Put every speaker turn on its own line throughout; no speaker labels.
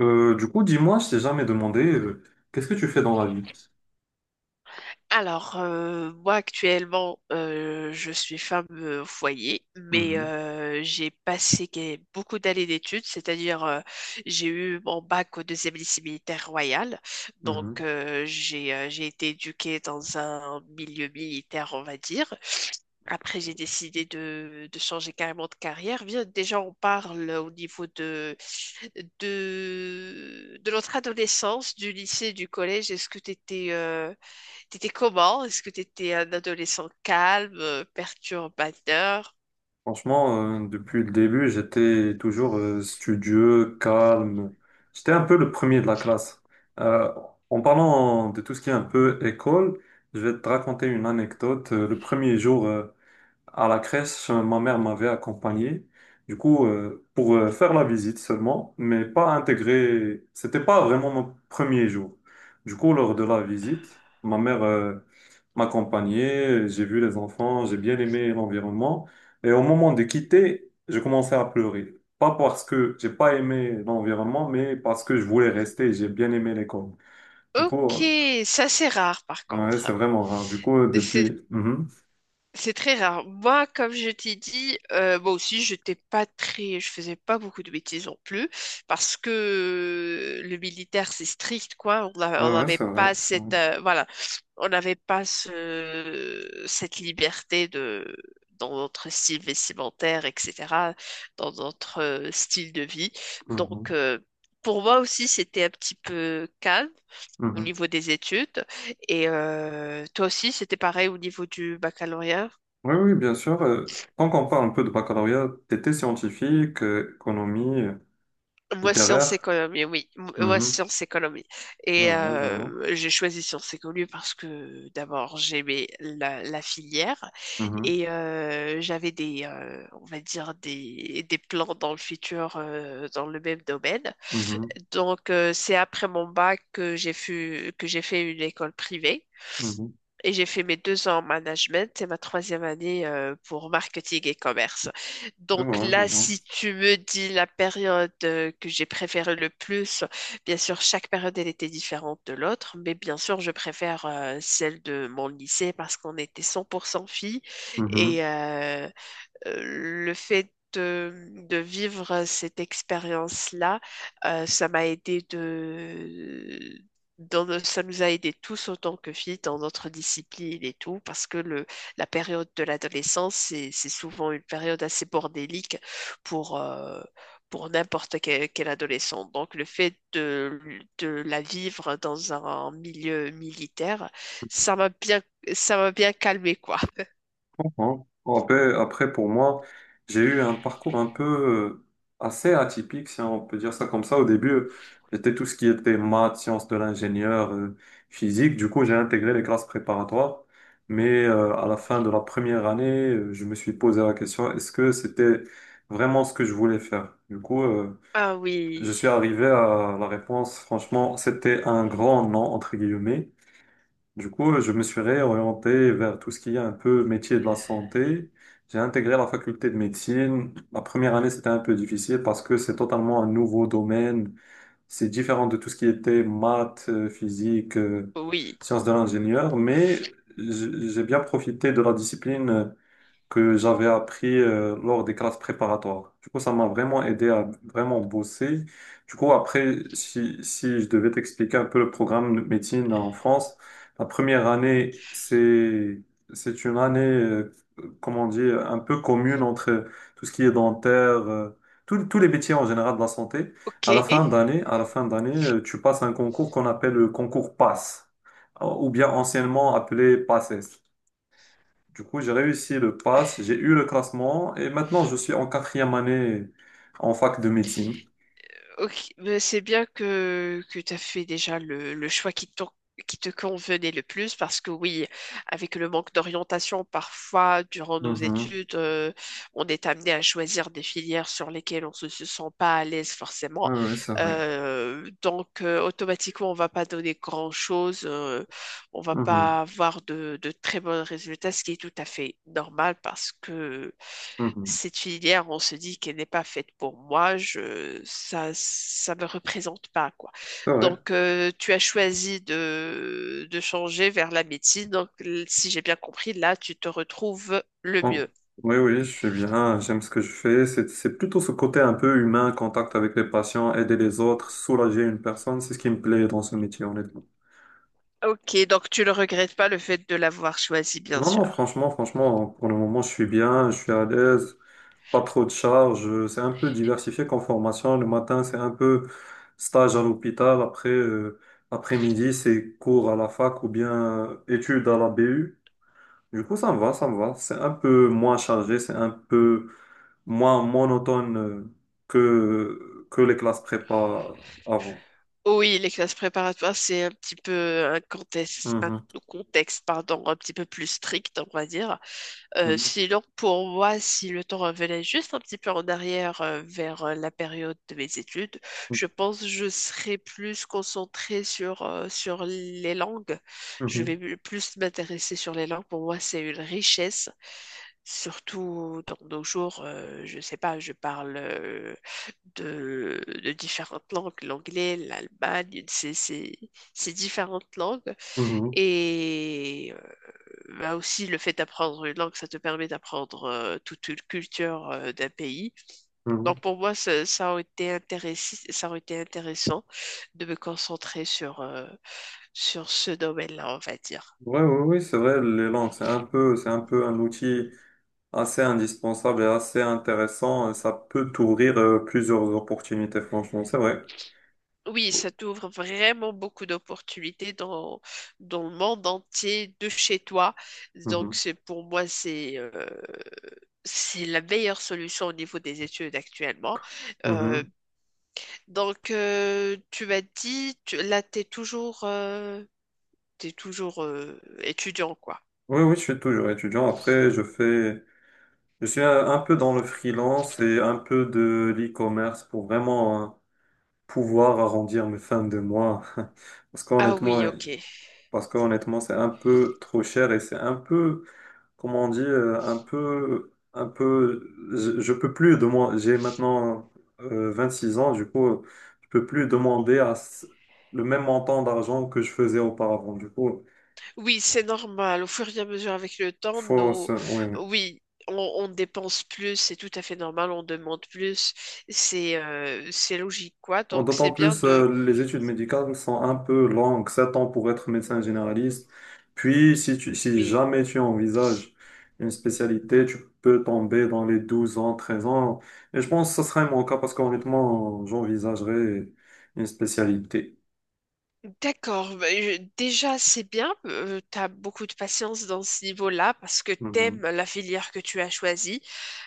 Du coup, dis-moi, je t'ai jamais demandé, qu'est-ce que tu fais dans la vie?
Moi actuellement, je suis femme au foyer, mais
Mhm,
j'ai passé beaucoup d'années d'études, c'est-à-dire, j'ai eu mon bac au deuxième lycée militaire royal, donc
mhm.
euh, j'ai été éduquée dans un milieu militaire, on va dire. Après, j'ai décidé de changer carrément de carrière. Bien, déjà, on parle au niveau de notre adolescence, du lycée, du collège. Est-ce que tu étais T'étais comment? Est-ce que t'étais un adolescent calme, perturbateur?
Franchement, depuis le début, j'étais toujours studieux, calme. J'étais un peu le premier de la classe. Euh, en parlant de tout ce qui est un peu école, je vais te raconter une anecdote. Le premier jour, à la crèche, ma mère m'avait accompagné. Du coup, pour faire la visite seulement, mais pas intégrer. C'était pas vraiment mon premier jour. Du coup, lors de la visite, ma mère m'accompagnait. J'ai vu les enfants, j'ai bien aimé l'environnement. Et au moment de quitter, je commençais à pleurer. Pas parce que j'ai pas aimé l'environnement, mais parce que je voulais rester. J'ai bien aimé l'école. Du coup,
Ok, ça c'est rare par
ouais, c'est
contre.
vraiment rare. Du coup, depuis. Mhm.
C'est très rare. Moi, comme je t'ai dit, moi aussi, j'étais pas très, je faisais pas beaucoup de bêtises non plus, parce que le militaire, c'est strict, quoi.
Ouais,
On
ouais,
n'avait
c'est vrai.
pas
C'est vrai.
cette, voilà, on n'avait pas cette liberté de, dans notre style vestimentaire, etc., dans notre style de vie. Donc,
Mhm.
euh, pour moi aussi, c'était un petit peu calme au
Mhm.
niveau des études. Et toi aussi, c'était pareil au niveau du baccalauréat?
Oui, oui, bien sûr. Tant qu'on parle un peu de baccalauréat, t'étais scientifique, économie,
Moi, sciences
littéraire.
économie, oui. Moi,
Mhm.
sciences économie.
Je
Et
vois, je vois.
j'ai choisi sciences économie parce que d'abord, j'aimais la filière
Mhm,
et j'avais on va dire, des plans dans le futur dans le même domaine.
mhm,
Donc, c'est après mon bac que j'ai fait une école privée.
mhm.
Et j'ai fait mes deux ans en management et ma troisième année pour marketing et commerce.
Je
Donc
vois, je
là,
vois.
si tu me dis la période que j'ai préférée le plus, bien sûr, chaque période, elle était différente de l'autre, mais bien sûr, je préfère celle de mon lycée parce qu'on était 100% filles
Mhm.
et le fait de vivre cette expérience-là, ça m'a aidé de... ça nous a aidés tous autant que filles dans notre discipline et tout, parce que la période de l'adolescence, c'est souvent une période assez bordélique pour, euh, pour n'importe quel adolescent. Donc le fait de la vivre dans un milieu militaire, ça m'a bien, ça m'a bien calmé, quoi.
Comprends. Bon, après, pour moi, j'ai eu un parcours un peu assez atypique, si on peut dire ça comme ça. Au début, j'étais tout ce qui était maths, sciences de l'ingénieur, physique. Du coup, j'ai intégré les classes préparatoires. Mais à la fin de la première année, je me suis posé la question, est-ce que c'était vraiment ce que je voulais faire? Du coup,
Ah
je
oui,
suis arrivé à la réponse, franchement, c'était un grand non, entre guillemets. Du coup, je me suis réorienté vers tout ce qui est un peu métier de la santé. J'ai intégré la faculté de médecine. La première année, c'était un peu difficile parce que c'est totalement un nouveau domaine. C'est différent de tout ce qui était maths, physique,
oui.
sciences de l'ingénieur. Mais j'ai bien profité de la discipline que j'avais appris lors des classes préparatoires. Du coup, ça m'a vraiment aidé à vraiment bosser. Du coup, après, si je devais t'expliquer un peu le programme de médecine en France, la première année, c'est une année, comment dire, un peu commune entre tout ce qui est dentaire, euh, tous les métiers en général de la santé.
Ok,
À la fin d'année, tu passes un concours qu'on appelle le concours PASS, ou bien anciennement appelé PASSES. Du coup, j'ai réussi le pass, j'ai eu le classement et maintenant je suis en quatrième année en fac de médecine.
ok, mais c'est bien que tu as fait déjà le choix qui te convenait le plus parce que oui, avec le manque d'orientation, parfois, durant nos
Mhm.
études, on est amené à choisir des filières sur lesquelles se sent pas à l'aise
Oui,
forcément.
oui, c'est vrai.
Donc, automatiquement, on va pas donner grand-chose, on va
Mhm.
pas avoir de très bons résultats, ce qui est tout à fait normal parce que
Mhm.
cette filière, on se dit qu'elle n'est pas faite pour moi, ça me représente pas, quoi.
C'est vrai.
Donc, tu as choisi de changer vers la médecine. Donc, si j'ai bien compris, là, tu te retrouves le
Oh.
mieux.
Oui, oui, je suis bien, j'aime ce que je fais. C'est plutôt ce côté un peu humain, contact avec les patients, aider les autres, soulager une personne, c'est ce qui me plaît dans ce métier, honnêtement.
Ok, donc tu ne regrettes pas le fait de l'avoir choisi, bien
Non, non,
sûr.
franchement, franchement, pour le moment, je suis bien, je suis à l'aise. Pas trop de charges. C'est un peu diversifié comme formation. Le matin, c'est un peu stage à l'hôpital. Après, après-midi, c'est cours à la fac ou bien études à la BU. Du coup, ça me va, ça me va. C'est un peu moins chargé, c'est un peu moins monotone que les classes prépa avant.
Oui, les classes préparatoires, c'est un petit peu un
Mhm.
contexte, pardon, un petit peu plus strict, on va dire.
Mhm.
Sinon, pour moi, si le temps revenait juste un petit peu en arrière vers la période de mes études, je pense que je serais plus concentrée sur, sur les langues.
Mhm.
Plus m'intéresser sur les langues. Pour moi, c'est une richesse, surtout dans nos jours. Je ne sais pas, je parle de différentes langues, l'anglais, l'Allemagne, c'est différentes langues.
Mhm.
Et bah aussi, le fait d'apprendre une langue, ça te permet d'apprendre toute une culture d'un pays.
Mhm.
Donc pour moi, ça aurait été intéressant, ça aurait été intéressant de me concentrer sur, sur ce domaine-là, on va dire.
Ouais, ouais, oui, c'est vrai, les langues, c'est un peu un outil assez indispensable et assez intéressant. Ça peut t'ouvrir plusieurs opportunités, franchement, c'est vrai.
Oui, ça t'ouvre vraiment beaucoup d'opportunités dans, dans le monde entier, de chez toi. Donc
Mhm,
c'est pour moi, c'est la meilleure solution au niveau des études actuellement. Euh,
mhm.
Donc, tu m'as dit, t'es toujours, étudiant, quoi.
Oui, oui, je suis toujours étudiant. Après, je suis un peu dans le freelance et un peu de l'e-commerce pour vraiment hein, pouvoir arrondir mes fins de mois. Parce
Ah oui,
qu'honnêtement,
ok.
parce qu'honnêtement, c'est un peu trop cher et c'est un peu comment on dit, un peu, je peux plus de moi, j'ai maintenant 6 ans, du coup, je peux plus demander le même montant d'argent que je faisais auparavant. Du coup,
Oui, c'est normal. Au fur et à mesure avec le temps,
faut,
nos...
oui.
oui, on dépense plus, c'est tout à fait normal, on demande plus, c'est logique, quoi.
Bon,
Donc,
d'autant
c'est bien
plus,
de...
les études médicales sont un peu longues, 7 ans pour être médecin généraliste. Puis, si
Oui,
jamais tu envisages une spécialité, tu peux tomber dans les 12 ans, 13 ans. Et je pense que ce serait mon cas parce qu'honnêtement, j'envisagerais une spécialité.
d'accord, bah, déjà c'est bien, tu as beaucoup de patience dans ce niveau-là parce que t'aimes
Mhm.
la filière que tu as choisie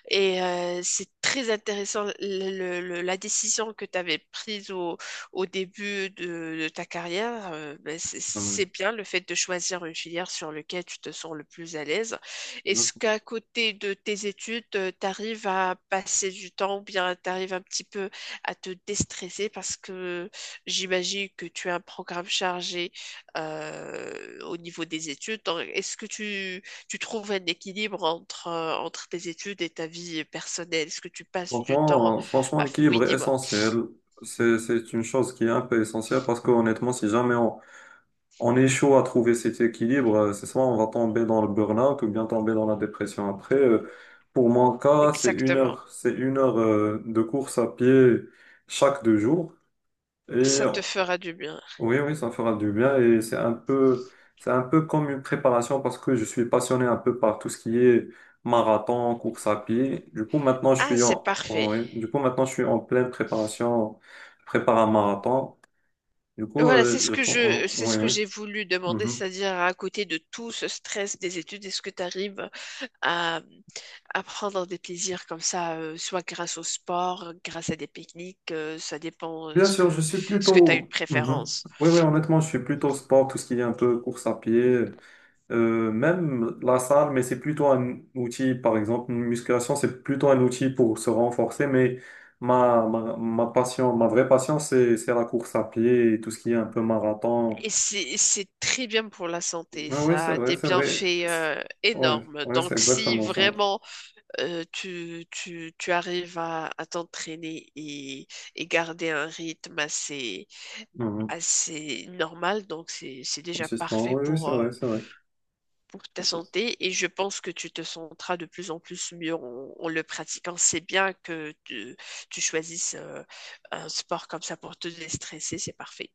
et c'est très intéressant la décision que tu avais prise au début de ta carrière. Bah, c'est bien le fait de choisir une filière sur laquelle tu te sens le plus à l'aise. Est-ce
Mhm.
qu'à côté de tes études, tu arrives à passer du temps ou bien tu arrives un petit peu à te déstresser parce que j'imagine que tu as un programme chargé au niveau des études. Donc, est-ce que tu trouves un équilibre entre, entre tes études et ta vie personnelle? Est-ce que tu passes du temps
Franchement, franchement,
à... Oui,
l'équilibre est
dis-moi.
essentiel. C'est une chose qui est un peu essentielle parce qu'honnêtement, si jamais on est chaud à trouver cet équilibre. C'est soit on va tomber dans le burn-out ou bien tomber dans la dépression après. Pour mon cas, c'est une
Exactement.
heure, c'est une heure de course à pied chaque 2 jours. Et
Ça te fera du bien.
oui, oui, ça fera du bien. Et c'est un peu comme une préparation parce que je suis passionné un peu par tout ce qui est marathon, course à pied. Du coup, maintenant, je
Ah,
suis
c'est
en, en-
parfait.
oui, du coup, maintenant, je suis en pleine préparation. Je prépare un marathon. Du coup,
Voilà,
je pense,
c'est
oui,
ce que
oui.
j'ai voulu demander,
Mhm.
c'est-à-dire à côté de tout ce stress des études, est-ce que tu arrives à, à prendre des plaisirs comme ça, soit grâce au sport, grâce à des pique-niques, ça dépend
Bien sûr, je suis
ce que tu as une
plutôt. Mhm.
préférence.
Oui, oui, honnêtement, je suis plutôt sport, tout ce qui est un peu course à pied, même la salle, mais c'est plutôt un outil, par exemple, une musculation, c'est plutôt un outil pour se renforcer, mais ma passion, ma vraie passion, c'est la course à pied et tout ce qui est un peu marathon.
Et c'est très bien pour la santé,
Ah oui,
ça
c'est
a
vrai,
des
c'est vrai.
bienfaits
Oui, c'est ouais,
énormes.
ouais, c'est
Donc si
exactement ça.
vraiment tu arrives à t'entraîner et garder un rythme
Mhm.
assez normal, donc c'est déjà
Consistant,
parfait
oui, oui, c'est vrai, c'est vrai.
pour ta santé et je pense que tu te sentiras de plus en plus mieux en, en le pratiquant. C'est bien que tu choisisses un sport comme ça pour te déstresser, c'est parfait.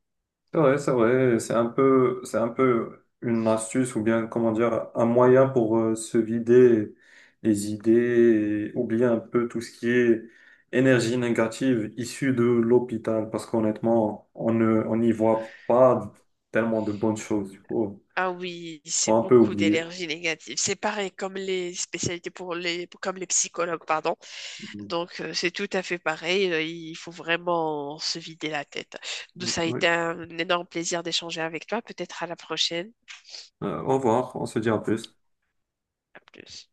C'est vrai, c'est vrai, c'est un peu une astuce ou bien, comment dire, un moyen pour se vider les idées et oublier un peu tout ce qui est énergie négative issue de l'hôpital parce qu'honnêtement, on n'y voit pas tellement de bonnes choses. Il faut,
Ah oui,
faut
c'est
un peu
beaucoup
oublier.
d'énergie négative. C'est pareil comme les spécialités pour les comme les psychologues, pardon.
Mm.
Donc, c'est tout à fait pareil. Il faut vraiment se vider la tête. Donc ça a été
Oui.
un énorme plaisir d'échanger avec toi. Peut-être à la prochaine.
Au revoir, on se dit à plus.
À plus.